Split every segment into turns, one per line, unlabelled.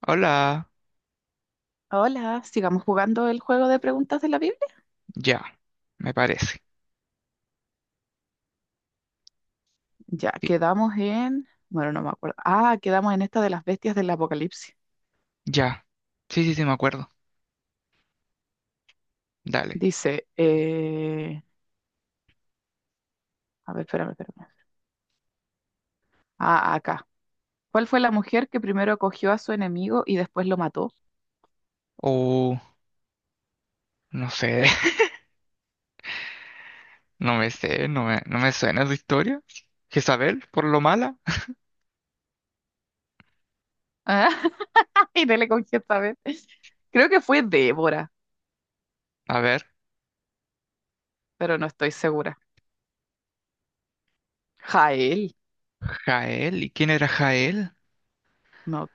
Hola,
Hola, sigamos jugando el juego de preguntas de la Biblia.
ya, me parece.
Ya,
Sí,
quedamos en... Bueno, no me acuerdo. Ah, quedamos en esta de las bestias del Apocalipsis.
ya. Sí, me acuerdo. Dale.
Dice, a ver, espérame. Ah, acá. ¿Cuál fue la mujer que primero acogió a su enemigo y después lo mató?
O no sé, no me sé, no me suena su historia. Jezabel, por lo mala.
Ah, y no le cogió esta vez. Creo que fue Débora,
A ver,
pero no estoy segura. Jael.
Jael, ¿y quién era Jael?
No,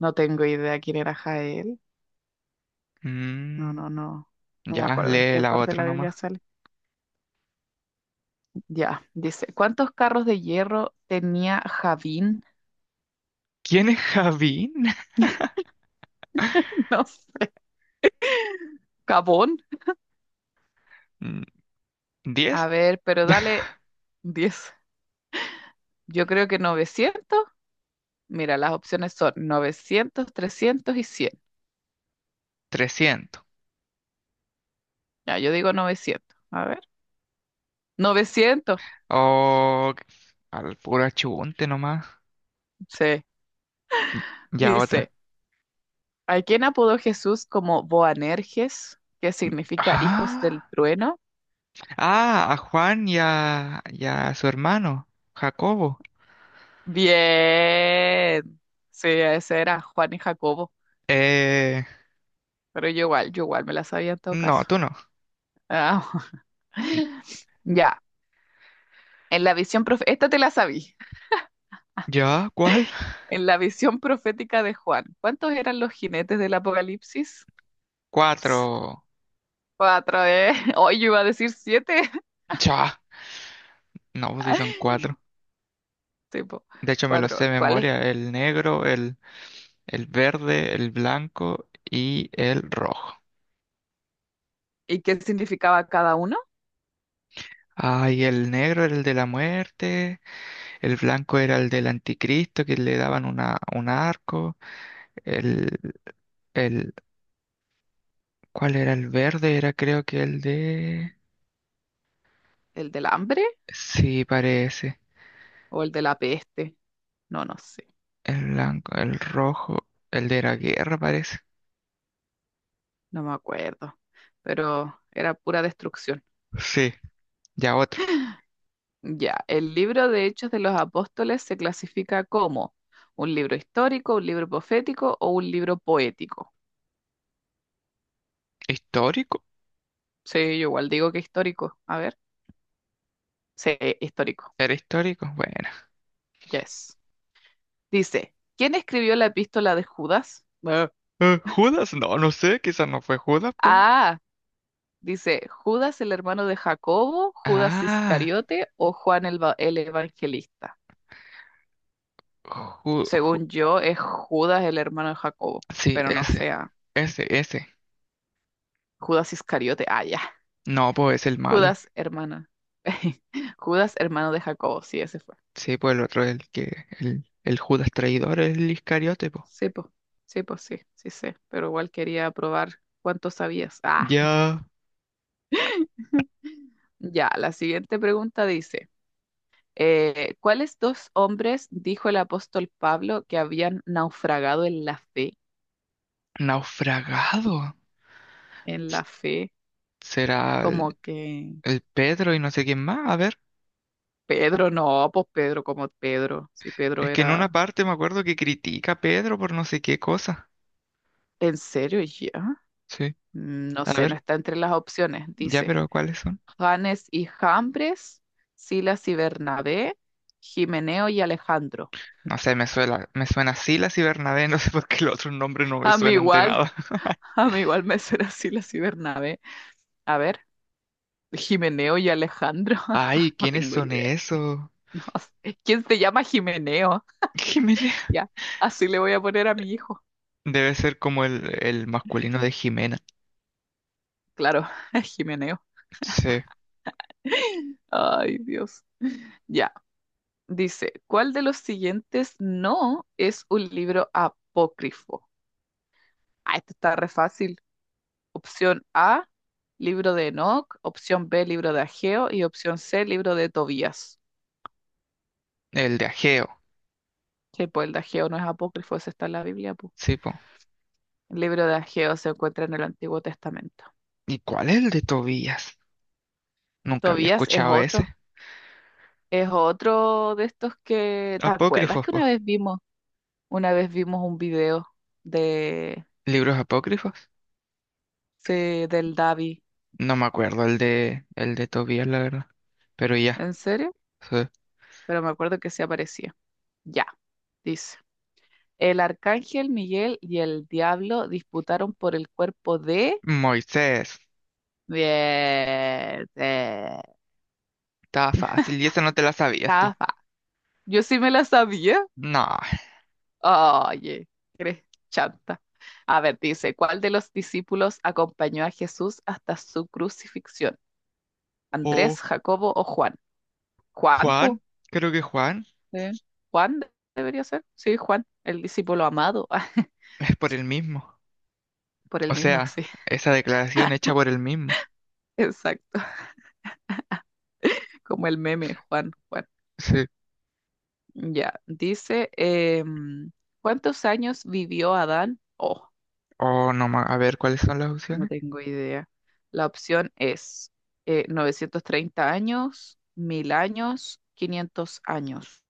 no tengo idea quién era Jael.
Mm,
No. No me
ya,
acuerdo en
lee
qué
la
parte de
otra
la
nomás.
Biblia sale. Ya, dice, ¿cuántos carros de hierro tenía Javín?
¿Quién es Javín?
No sé, Cabón.
Mm,
A
¿10?
ver, pero dale 10. Yo creo que 900. Mira, las opciones son 900, 300 y 100.
300.
Ya, yo digo 900. A ver, 900.
O al puro achunte nomás.
Sí,
Ya, otra.
dice, ¿a quién apodó Jesús como Boanerges, que significa hijos del
Ah,
trueno?
ah, a Juan y a su hermano, Jacobo.
Bien. Sí, ese era Juan y Jacobo.
Eh,
Pero yo igual me la sabía en todo
no,
caso.
tú no.
Ah, ya, en la esta te la sabí.
¿Ya? ¿Cuál?
En la visión profética de Juan, ¿cuántos eran los jinetes del Apocalipsis?
Cuatro.
Cuatro, ¿eh? Hoy yo iba a decir siete.
Ya. No, pues sí son cuatro.
Tipo,
De hecho, me los sé
cuatro.
de
¿Cuáles?
memoria. El negro, el verde, el blanco y el rojo.
¿Y qué significaba cada uno?
Ay, el negro era el de la muerte, el blanco era el del anticristo que le daban una, un arco, el, el, ¿cuál era? El verde era creo que el de...
¿El del hambre
Sí, parece.
o el de la peste? No, no sé,
El blanco, el rojo, el de la guerra parece.
no me acuerdo. Pero era pura destrucción.
Sí, ya.
Ya, el libro de Hechos de los Apóstoles se clasifica como un libro histórico, un libro profético o un libro poético.
¿Histórico?
Sí, yo igual digo que histórico. A ver. Sí, histórico.
¿Era histórico? Bueno.
Yes. Dice, ¿quién escribió la epístola de Judas? Ah,
¿Judas? No, no sé, quizás no fue Judas, pues.
ah, dice, ¿Judas el hermano de Jacobo, Judas
Ah,
Iscariote o Juan el evangelista?
Ju- Ju-
Según yo, es Judas el hermano de Jacobo,
sí,
pero no sea
ese.
Judas Iscariote. Ah, ya.
No, pues es el malo.
Judas hermana. Judas hermano de Jacobo, sí, ese fue.
Sí, pues el otro es el Judas traidor, el Iscariote, pues.
Sí, pues, sí, pues sí, sí sé, pero igual quería probar cuánto sabías. Ah.
Ya.
Ya, la siguiente pregunta dice, ¿cuáles dos hombres dijo el apóstol Pablo que habían naufragado en la fe?
Naufragado.
En la
S-
fe,
¿Será
como que
el Pedro y no sé quién más? A ver,
Pedro, no, pues Pedro, como Pedro, si Pedro
es que en
era,
una parte me acuerdo que critica a Pedro por no sé qué cosa.
¿en serio ya?
Sí.
Mm, no
A
sé, no
ver,
está entre las opciones.
ya,
Dice,
pero ¿cuáles son?
Janes y Jambres, Silas y Bernabé, Jimeneo y Alejandro.
No sé, me suena Silas y Bernabé, no sé por qué los otros nombres no me
A mí
suenan de
igual,
nada.
a mí igual me será Silas y Bernabé. A ver. Jimeneo y Alejandro.
Ay,
No
¿quiénes
tengo
son
idea.
esos?
No sé. ¿Quién se llama Jimeneo?
Jimena.
Ya, así le voy a poner a mi hijo.
Debe ser como el masculino de Jimena.
Claro, Jimeneo.
Sí,
Ay, Dios. Ya, dice, ¿cuál de los siguientes no es un libro apócrifo? Ah, esto está re fácil. Opción A, libro de Enoc. Opción B, libro de Ageo. Y opción C, libro de Tobías.
el de Ageo.
Que pues el de Ageo no es apócrifo, ese está en la Biblia, pu.
Sí, po.
El libro de Ageo se encuentra en el Antiguo Testamento.
¿Y cuál es el de Tobías? Nunca había
Tobías es
escuchado
otro.
ese.
Es otro de estos que, ¿te acuerdas
Apócrifos,
que una
po.
vez vimos? Una vez vimos un video de,
¿Libros apócrifos?
sí, del Davi.
No me acuerdo el de Tobías, la verdad. Pero ya,
¿En serio?
sí.
Pero me acuerdo que sí aparecía. Ya, dice. El arcángel Miguel y el diablo disputaron por el cuerpo de...
Moisés.
Bien, de...
Estaba fácil y esa no te la sabías tú.
Cafa. Yo sí me la sabía.
No.
Oye, eres chanta. A ver, dice, ¿cuál de los discípulos acompañó a Jesús hasta su crucifixión?
O
Andrés, Jacobo o Juan. Juan, po,
Juan. Creo que Juan.
¿eh? Debería ser. Sí, Juan, el discípulo amado.
Es por el mismo.
Por
O
el mismo
sea,
así.
esa declaración hecha por el mismo.
Exacto. Como el meme, Juan, Juan.
Sí.
Ya, dice, em, ¿cuántos años vivió Adán? Oh,
O no, a ver, ¿cuáles son las
no
opciones?
tengo idea. La opción es 930 años, 1000 años, 500 años.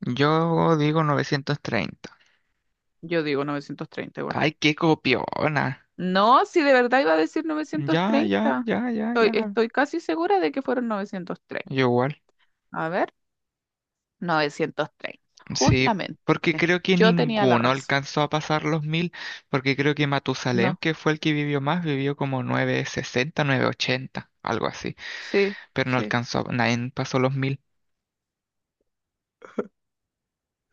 Yo digo 930.
Yo digo 930 igual.
Ay, qué copiona.
No, si de verdad iba a decir
Ya, ya,
930.
ya, ya, ya.
Estoy casi segura de que fueron 930.
Yo igual.
A ver, 930.
Sí,
Justamente,
porque creo que
yo tenía la
ninguno
razón.
alcanzó a pasar los 1000, porque creo que Matusalem,
No,
que fue el que vivió más, vivió como 960, ochenta, algo así.
sí,
Pero no
sí.
alcanzó, nadie pasó los 1000.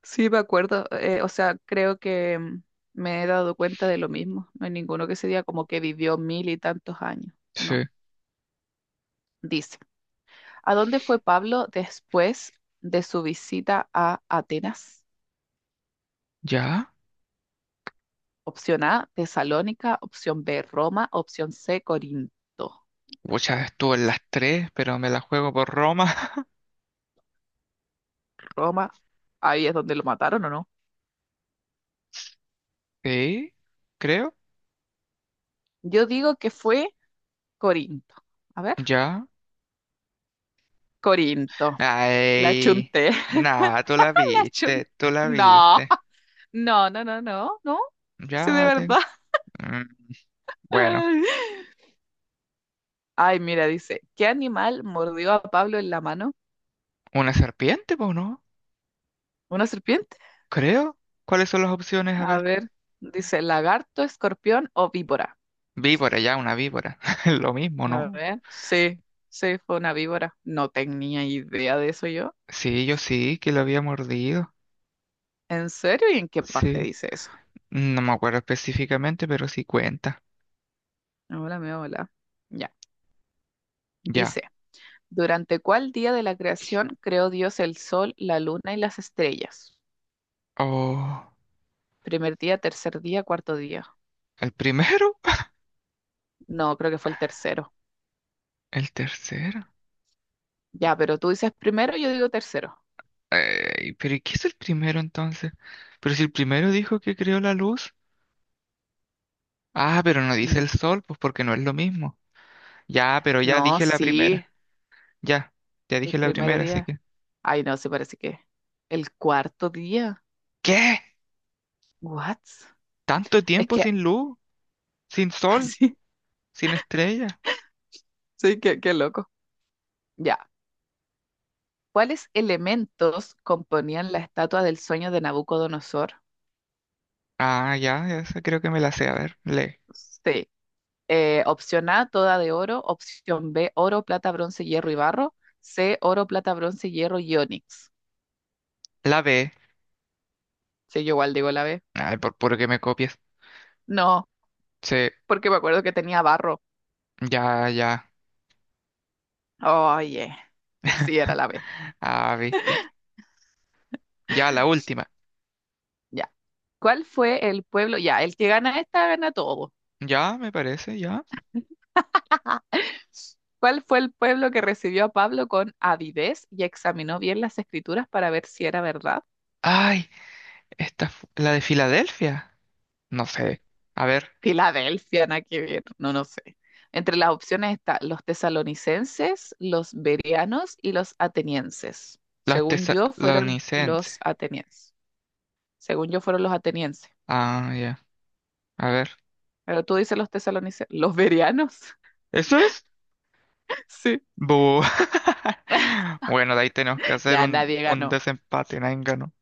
Sí, me acuerdo. O sea, creo que me he dado cuenta de lo mismo. No hay ninguno que se diga como que vivió mil y tantos años.
Sí.
No. Dice, ¿a dónde fue Pablo después de su visita a Atenas?
¿Ya?
Opción A, Tesalónica. Opción B, Roma. Opción C, Corinto.
Muchas estuvo en las tres, pero me la juego por Roma.
Roma, ahí es donde lo mataron o no.
Sí, creo,
Yo digo que fue Corinto. A ver,
ya.
Corinto. La
Ay,
chunté.
nada, tú la
La chun-
viste, tú la
No,
viste.
no. Sí, de
Ya te...
verdad.
Mm, bueno,
Ay, mira, dice, ¿qué animal mordió a Pablo en la mano?
una serpiente, pues, ¿no?
¿Una serpiente?
Creo. ¿Cuáles son las opciones? A
A
ver.
ver, dice, ¿lagarto, escorpión o víbora?
Víbora, ya, una víbora. Lo mismo,
A
¿no?
ver, sí, fue una víbora. No tenía idea de eso yo.
Sí, yo sí, que lo había mordido.
¿En serio? ¿Y en qué parte
Sí.
dice eso?
No me acuerdo específicamente, pero sí cuenta.
Hola, me hola. Ya.
Ya.
Dice. ¿Durante cuál día de la creación creó Dios el sol, la luna y las estrellas?
Oh,
Primer día, tercer día, cuarto día.
¿el primero?
No, creo que fue el tercero.
¿El tercero?
Ya, pero tú dices primero, yo digo tercero.
Ey, pero ¿y qué es el primero entonces? Pero si el primero dijo que creó la luz. Ah, pero no dice el
Mm,
sol, pues porque no es lo mismo. Ya, pero ya
no,
dije la
sí,
primera. Ya, ya
el
dije la
primer
primera, así
día.
que.
Ay, no, se parece que el cuarto día.
¿Qué?
What?
¿Tanto
Es
tiempo
que,
sin luz? ¿Sin sol?
sí,
¿Sin estrella?
sí, qué, qué loco. Ya. ¿Cuáles elementos componían la estatua del sueño de Nabucodonosor?
Ah, ya, esa creo que me la sé. A ver, le.
Sí. Opción A, toda de oro. Opción B, oro, plata, bronce, hierro y barro. C, oro, plata, bronce, hierro y onix.
La B.
Sí, yo igual digo la B.
Ay, por puro que me copies.
No,
Sí,
porque me acuerdo que tenía barro.
ya.
Oye, sí, era la B.
Ah, viste. Ya, la última.
Ya. ¿Cuál fue el pueblo? Ya, el que gana esta gana todo.
Ya, me parece, ya.
¿Cuál fue el pueblo que recibió a Pablo con avidez y examinó bien las escrituras para ver si era verdad?
Ay, esta, la de Filadelfia. No sé. A ver,
Filadelfia, nada que ver, no, no sé. Entre las opciones está los tesalonicenses, los bereanos y los atenienses.
los
Según yo, fueron
tesalonicenses.
los atenienses. Según yo, fueron los atenienses.
Ah, ya. A ver.
Pero tú dices los tesalonicenses, los bereanos.
¿Eso es?
Sí,
Bu. Bueno, de ahí tenemos que hacer
ya nadie
un
ganó,
desempate, nadie ganó.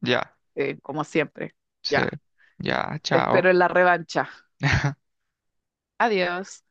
Ya,
como siempre.
sí,
Ya,
ya,
te espero
chao.
en la revancha. Adiós.